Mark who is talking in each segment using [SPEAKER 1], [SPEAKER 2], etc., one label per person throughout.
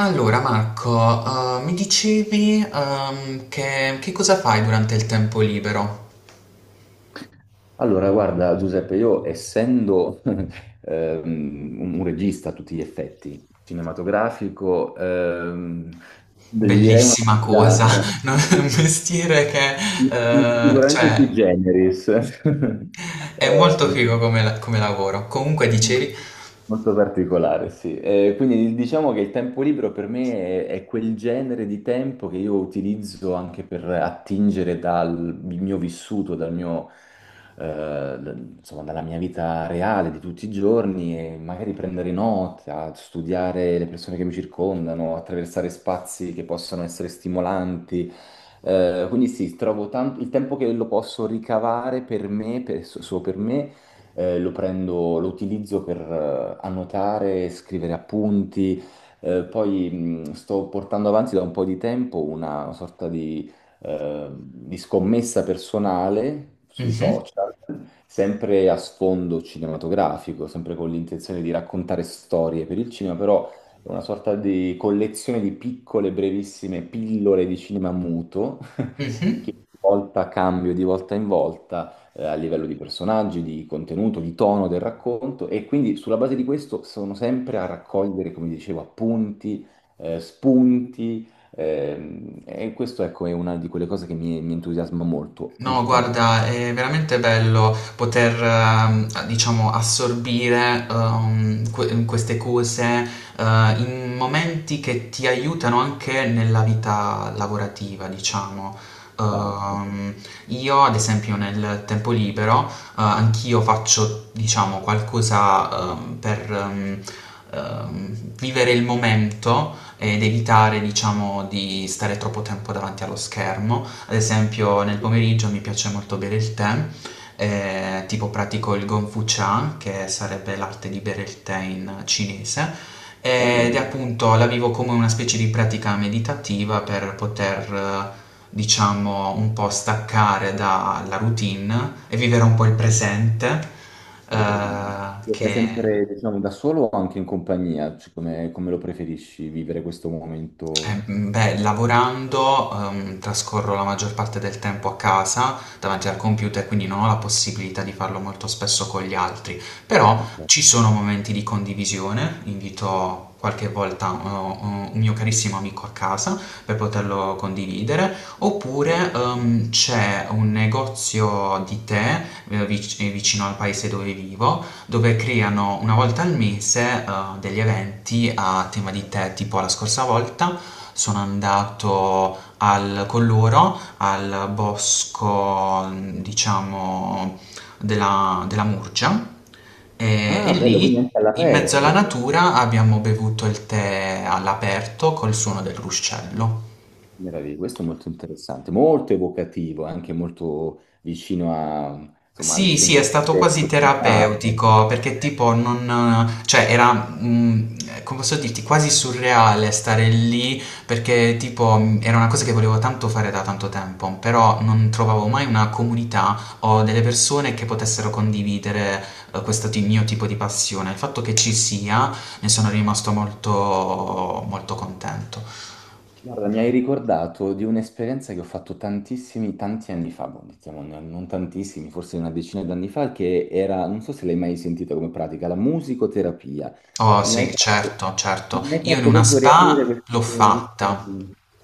[SPEAKER 1] Allora Marco, mi dicevi che cosa fai durante il tempo libero?
[SPEAKER 2] Allora, guarda, Giuseppe, io essendo un regista a tutti gli effetti, cinematografico, direi una
[SPEAKER 1] Bellissima cosa,
[SPEAKER 2] sfilata.
[SPEAKER 1] no? È un mestiere che eh,
[SPEAKER 2] Sicuramente sui
[SPEAKER 1] cioè,
[SPEAKER 2] generis.
[SPEAKER 1] è molto figo come, come lavoro. Comunque
[SPEAKER 2] Eh,
[SPEAKER 1] dicevi...
[SPEAKER 2] Molto particolare, sì. Quindi diciamo che il tempo libero per me è quel genere di tempo che io utilizzo anche per attingere dal mio vissuto, eh, da- insomma, dalla mia vita reale di tutti i giorni e magari prendere nota, studiare le persone che mi circondano, attraversare spazi che possono essere stimolanti. Quindi sì, trovo tanto il tempo che lo posso ricavare per me, solo per me lo prendo, lo utilizzo per annotare, scrivere appunti. Poi sto portando avanti da un po' di tempo una sorta di scommessa personale sui
[SPEAKER 1] Mhm,
[SPEAKER 2] social, sempre a sfondo cinematografico, sempre con l'intenzione di raccontare storie per il cinema, però è una sorta di collezione di piccole, brevissime pillole di cinema muto che
[SPEAKER 1] mhm.
[SPEAKER 2] di volta cambio di volta in volta a livello di personaggi, di contenuto, di tono del racconto e quindi sulla base di questo sono sempre a raccogliere, come dicevo, appunti, spunti e questo ecco è una di quelle cose che mi entusiasma molto
[SPEAKER 1] No,
[SPEAKER 2] ultimamente.
[SPEAKER 1] guarda, è veramente bello poter, diciamo, assorbire queste cose eh, in momenti che ti aiutano anche nella vita lavorativa, diciamo.
[SPEAKER 2] Esatto.
[SPEAKER 1] Ehm, io, ad esempio, nel tempo libero, anch'io faccio, diciamo, qualcosa per vivere il momento ed evitare, diciamo, di stare troppo tempo davanti allo schermo. Ad esempio nel pomeriggio mi piace molto bere il tè, tipo pratico il Gongfu Cha, che sarebbe l'arte di bere il tè in cinese, ed è
[SPEAKER 2] Bello,
[SPEAKER 1] appunto la vivo come una specie di pratica meditativa per poter, diciamo, un po' staccare dalla routine e vivere un po' il presente,
[SPEAKER 2] interessante.
[SPEAKER 1] eh,
[SPEAKER 2] Lo fai
[SPEAKER 1] che...
[SPEAKER 2] sempre, diciamo, da solo o anche in compagnia? Cioè, come lo preferisci vivere questo momento?
[SPEAKER 1] Beh, lavorando, trascorro la maggior parte del tempo a casa davanti al computer, quindi non ho la possibilità di farlo molto spesso con gli altri, però
[SPEAKER 2] A te?
[SPEAKER 1] ci sono momenti di condivisione, invito qualche volta un mio carissimo amico a casa per poterlo condividere, oppure
[SPEAKER 2] Bello.
[SPEAKER 1] c'è un negozio di tè vicino al paese dove vivo dove creano una volta al mese degli eventi a tema di tè, tipo la scorsa volta sono andato con loro al bosco, diciamo, della Murgia e
[SPEAKER 2] Ah, bello, quindi
[SPEAKER 1] lì
[SPEAKER 2] anche
[SPEAKER 1] in mezzo alla
[SPEAKER 2] all'aperto.
[SPEAKER 1] natura abbiamo bevuto il tè all'aperto col suono del ruscello.
[SPEAKER 2] Meraviglia, questo è molto interessante, molto evocativo, anche molto vicino a, insomma, al
[SPEAKER 1] Sì, sì, è stato
[SPEAKER 2] sentire
[SPEAKER 1] quasi
[SPEAKER 2] orientale.
[SPEAKER 1] terapeutico perché tipo non, cioè era, come posso dirti, quasi surreale stare lì perché tipo era una cosa che volevo tanto fare da tanto tempo, però non trovavo mai una comunità o delle persone che potessero condividere questo mio tipo di passione. Il fatto che ci sia, ne sono rimasto molto, molto contento.
[SPEAKER 2] Guarda, mi hai ricordato di un'esperienza che ho fatto tantissimi, tanti anni fa, boh, diciamo, non tantissimi, forse una decina d'anni fa, che era, non so se l'hai mai sentita come pratica, la musicoterapia.
[SPEAKER 1] Oh
[SPEAKER 2] Mi hai
[SPEAKER 1] sì,
[SPEAKER 2] fatto,
[SPEAKER 1] certo, certo.
[SPEAKER 2] Mi hai
[SPEAKER 1] Io in
[SPEAKER 2] fatto
[SPEAKER 1] una
[SPEAKER 2] proprio riaprire
[SPEAKER 1] spa l'ho
[SPEAKER 2] questo, questo-
[SPEAKER 1] fatta.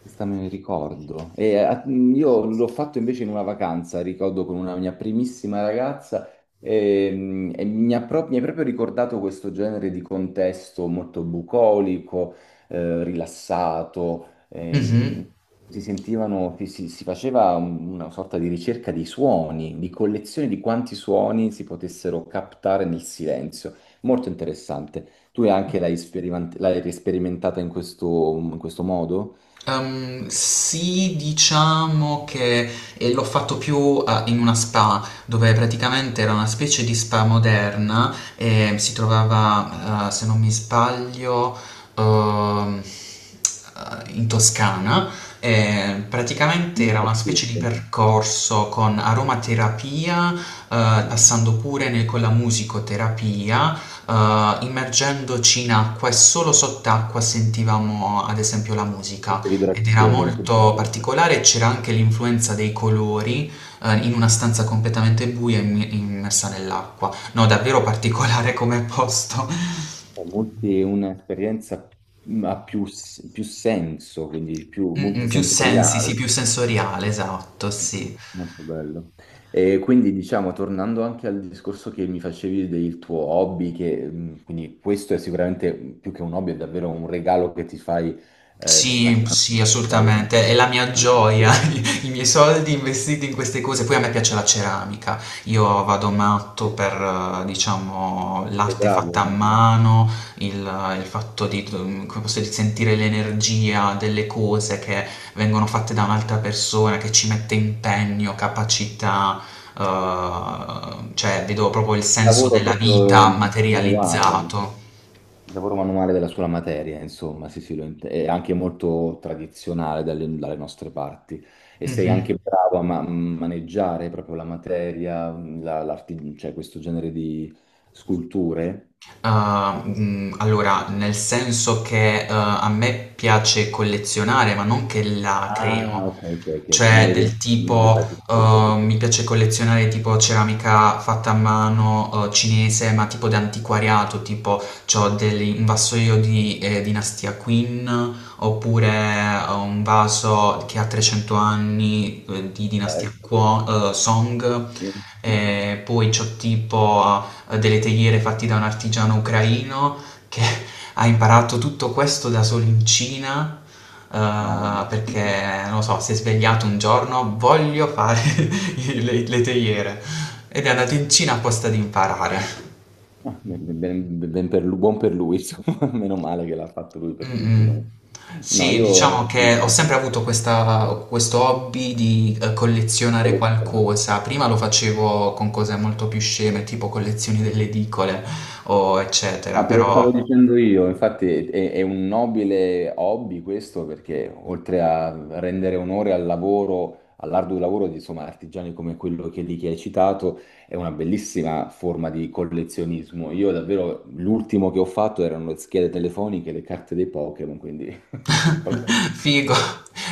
[SPEAKER 2] questo ricordo. Io l'ho fatto invece in una vacanza, ricordo con una mia primissima ragazza, mi ha mi hai proprio ricordato questo genere di contesto molto bucolico, rilassato. eh, in-
[SPEAKER 1] Mhm.
[SPEAKER 2] si sentivano, si faceva una sorta di ricerca di suoni, di collezione di quanti suoni si potessero captare nel silenzio. Molto interessante. Tu anche l'hai sperimentata in in questo modo?
[SPEAKER 1] Sì, diciamo che l'ho fatto più in una spa, dove praticamente era una specie di spa moderna e si trovava, se non mi sbaglio, ehm, in Toscana. E praticamente
[SPEAKER 2] Non
[SPEAKER 1] era
[SPEAKER 2] per
[SPEAKER 1] una specie di
[SPEAKER 2] tutte.
[SPEAKER 1] percorso con aromaterapia,
[SPEAKER 2] Ah,
[SPEAKER 1] passando pure con la musicoterapia, immergendoci in acqua e solo sott'acqua sentivamo ad esempio la musica.
[SPEAKER 2] queste
[SPEAKER 1] Ed era
[SPEAKER 2] vibrazioni, che
[SPEAKER 1] molto
[SPEAKER 2] bello, no?
[SPEAKER 1] particolare, c'era anche l'influenza dei colori, in una stanza completamente buia immi immersa nell'acqua. No, davvero particolare come posto.
[SPEAKER 2] Cioè, un'esperienza ha più, più senso, quindi più
[SPEAKER 1] Mh-mh, più sensi, sì, più
[SPEAKER 2] multisensoriale.
[SPEAKER 1] sensoriale, esatto, sì.
[SPEAKER 2] Molto bello. E quindi diciamo, tornando anche al discorso che mi facevi del tuo hobby, che quindi questo è sicuramente più che un hobby, è davvero un regalo che ti fai
[SPEAKER 1] Sì,
[SPEAKER 2] staccando
[SPEAKER 1] sì,
[SPEAKER 2] dalla-
[SPEAKER 1] assolutamente, è la mia
[SPEAKER 2] dallo
[SPEAKER 1] gioia,
[SPEAKER 2] schermo.
[SPEAKER 1] i miei soldi investiti in queste cose. Poi a me piace la ceramica, io vado matto per, diciamo,
[SPEAKER 2] Sei
[SPEAKER 1] l'arte
[SPEAKER 2] bravo,
[SPEAKER 1] fatta a
[SPEAKER 2] il
[SPEAKER 1] mano, il, il fatto di, come posso dire, sentire l'energia delle cose che vengono fatte da un'altra persona, che ci mette impegno, capacità, cioè vedo proprio il senso
[SPEAKER 2] lavoro
[SPEAKER 1] della vita
[SPEAKER 2] proprio manuale,
[SPEAKER 1] materializzato.
[SPEAKER 2] il lavoro manuale della sola materia, insomma, sì, sì, lo è anche molto tradizionale dalle nostre parti. E sei
[SPEAKER 1] Mhm.
[SPEAKER 2] anche bravo a maneggiare proprio la materia, cioè questo genere di sculture?
[SPEAKER 1] Ah, allora, nel senso che, a me piace collezionare, ma non che la creo.
[SPEAKER 2] Ah, ok, ok, ok,
[SPEAKER 1] Cioè del
[SPEAKER 2] non le
[SPEAKER 1] tipo,
[SPEAKER 2] fai più spesso.
[SPEAKER 1] mi
[SPEAKER 2] Ok.
[SPEAKER 1] piace collezionare tipo ceramica fatta a mano, cinese, ma tipo d'antiquariato, tipo c'ho degli un vassoio di, dinastia Qin, oppure un vaso che ha 300 anni, di dinastia
[SPEAKER 2] Bello.
[SPEAKER 1] Kuo Song,
[SPEAKER 2] Sì.
[SPEAKER 1] e poi c'ho tipo delle teiere fatti da un artigiano ucraino che ha imparato tutto questo da solo in Cina,
[SPEAKER 2] Wow.
[SPEAKER 1] perché, non lo so, si è svegliato un giorno, voglio fare le teiere, ed è andato in Cina apposta ad imparare.
[SPEAKER 2] Buon per lui, insomma, meno male che l'ha fatto lui per tutti noi.
[SPEAKER 1] Mm-mm.
[SPEAKER 2] No,
[SPEAKER 1] Sì, diciamo
[SPEAKER 2] io
[SPEAKER 1] che ho sempre avuto questo hobby di collezionare qualcosa. Prima lo facevo con cose molto più sceme, tipo collezioni delle edicole o eccetera,
[SPEAKER 2] ah, te lo stavo
[SPEAKER 1] però...
[SPEAKER 2] dicendo io, infatti è un nobile hobby questo perché oltre a rendere onore al lavoro, all'arduo lavoro di insomma, artigiani come quello che lì che hai citato, è una bellissima forma di collezionismo. Io davvero l'ultimo che ho fatto erano le schede telefoniche, le carte dei Pokémon, quindi proprio
[SPEAKER 1] Figo.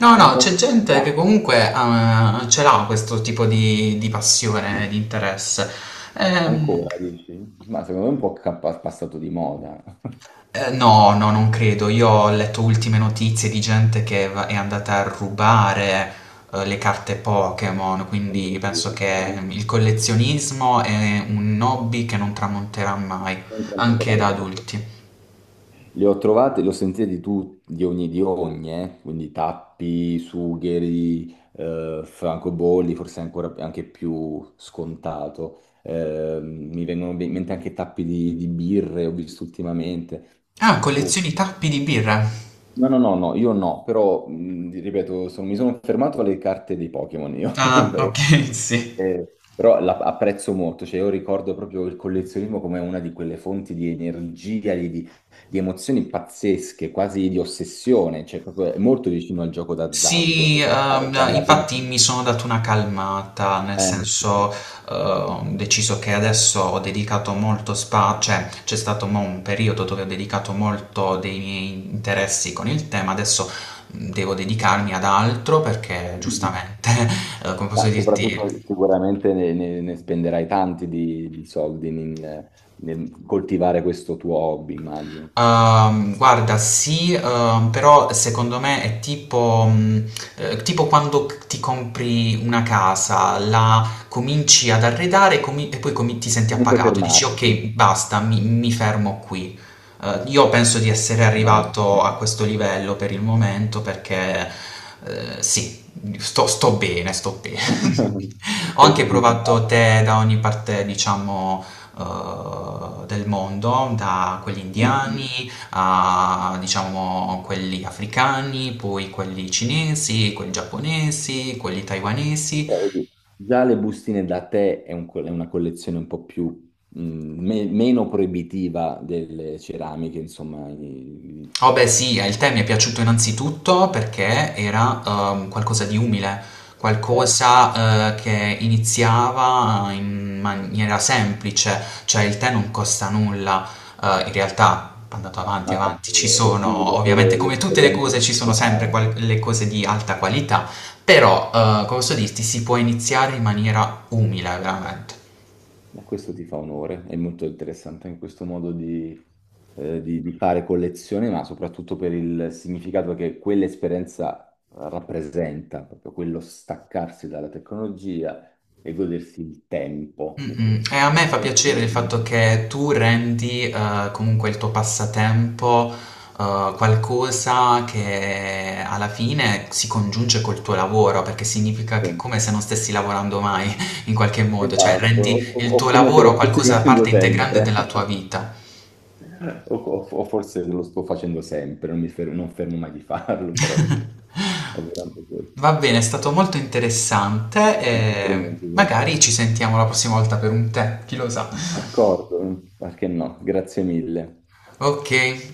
[SPEAKER 1] No,
[SPEAKER 2] un
[SPEAKER 1] no,
[SPEAKER 2] po'.
[SPEAKER 1] c'è gente che comunque ce l'ha questo tipo di passione, di interesse. Ehm,
[SPEAKER 2] Ancora, dici? Ma secondo me è un po' passato di moda.
[SPEAKER 1] no, no, non credo. Io ho letto ultime notizie di gente che è andata a rubare le carte Pokémon,
[SPEAKER 2] Oh
[SPEAKER 1] quindi
[SPEAKER 2] mio Dio,
[SPEAKER 1] penso che il collezionismo è un hobby che non tramonterà mai,
[SPEAKER 2] non sono ancora
[SPEAKER 1] anche da
[SPEAKER 2] nato.
[SPEAKER 1] adulti.
[SPEAKER 2] Li ho trovati, li ho sentiti di di ogni, quindi tappi, sugheri, francobolli, forse ancora anche più scontato. Mi vengono in mente anche tappi di birre, ho visto ultimamente.
[SPEAKER 1] Ah, collezioni tappi di birra.
[SPEAKER 2] No, io no, però ripeto, mi sono fermato alle carte dei Pokémon io.
[SPEAKER 1] Ah,
[SPEAKER 2] Beh,
[SPEAKER 1] ok, sì.
[SPEAKER 2] però apprezzo molto, cioè io ricordo proprio il collezionismo come una di quelle fonti di energia, di emozioni pazzesche, quasi di ossessione, cioè proprio è molto vicino al gioco
[SPEAKER 1] Sì,
[SPEAKER 2] d'azzardo. Ah,
[SPEAKER 1] no,
[SPEAKER 2] guarda, che-
[SPEAKER 1] infatti mi sono dato una calmata, nel
[SPEAKER 2] sì, sì.
[SPEAKER 1] senso, ho deciso che adesso ho dedicato molto spazio, cioè c'è stato mo un periodo dove ho dedicato molto dei miei interessi con il tema, adesso devo dedicarmi ad altro perché giustamente, come posso
[SPEAKER 2] Ma soprattutto
[SPEAKER 1] dirti,
[SPEAKER 2] sicuramente ne spenderai tanti di soldi nel nel coltivare questo tuo hobby, immagino.
[SPEAKER 1] Guarda, sì, però secondo me è tipo, tipo quando ti compri una casa, la cominci ad arredare e, e poi ti senti
[SPEAKER 2] Non puoi
[SPEAKER 1] appagato, dici ok, basta, mi fermo qui. Io penso di essere
[SPEAKER 2] fermarti.
[SPEAKER 1] arrivato a questo livello per il momento perché sì, sto bene, sto bene. Ho
[SPEAKER 2] Sei
[SPEAKER 1] anche
[SPEAKER 2] soddisfatto.
[SPEAKER 1] provato tè da ogni parte, diciamo del mondo, da quelli
[SPEAKER 2] Eh,
[SPEAKER 1] indiani a diciamo quelli africani, poi quelli cinesi, quelli giapponesi, quelli taiwanesi.
[SPEAKER 2] però vedi, già le bustine da tè è una collezione un po' più, meno proibitiva delle ceramiche, insomma.
[SPEAKER 1] Oh beh
[SPEAKER 2] I-
[SPEAKER 1] sì, il tè mi è piaciuto innanzitutto perché era qualcosa di umile,
[SPEAKER 2] eh.
[SPEAKER 1] qualcosa che iniziava in maniera semplice, cioè il tè non costa nulla, in realtà andato avanti,
[SPEAKER 2] Ma infatti
[SPEAKER 1] avanti, ci
[SPEAKER 2] è più
[SPEAKER 1] sono ovviamente
[SPEAKER 2] davvero
[SPEAKER 1] come tutte le
[SPEAKER 2] l'esperienza
[SPEAKER 1] cose
[SPEAKER 2] che
[SPEAKER 1] ci sono
[SPEAKER 2] si
[SPEAKER 1] sempre
[SPEAKER 2] cava.
[SPEAKER 1] le cose di alta qualità, però come posso dirti si può iniziare in maniera umile veramente.
[SPEAKER 2] E questo ti fa onore, è molto interessante anche questo modo di, di fare collezione, ma soprattutto per il significato che quell'esperienza rappresenta, proprio quello staccarsi dalla tecnologia e godersi il tempo. Che-
[SPEAKER 1] Mh-mh. E a me fa
[SPEAKER 2] sì,
[SPEAKER 1] piacere il fatto che tu rendi, comunque il tuo passatempo, qualcosa che alla fine si congiunge col tuo lavoro, perché significa che è come se non stessi lavorando mai in qualche modo, cioè
[SPEAKER 2] esatto,
[SPEAKER 1] rendi il
[SPEAKER 2] o
[SPEAKER 1] tuo
[SPEAKER 2] come se
[SPEAKER 1] lavoro
[SPEAKER 2] lo stessi
[SPEAKER 1] qualcosa
[SPEAKER 2] facendo
[SPEAKER 1] parte integrante
[SPEAKER 2] sempre,
[SPEAKER 1] della tua vita.
[SPEAKER 2] o, o forse lo sto facendo sempre, non mi non fermo mai di farlo, però sì, è veramente questo.
[SPEAKER 1] Va bene, è stato molto interessante
[SPEAKER 2] Anche per me
[SPEAKER 1] e
[SPEAKER 2] è un disastro.
[SPEAKER 1] magari ci sentiamo la prossima volta per un tè, chi lo sa.
[SPEAKER 2] D'accordo, perché no? Grazie mille.
[SPEAKER 1] Okay.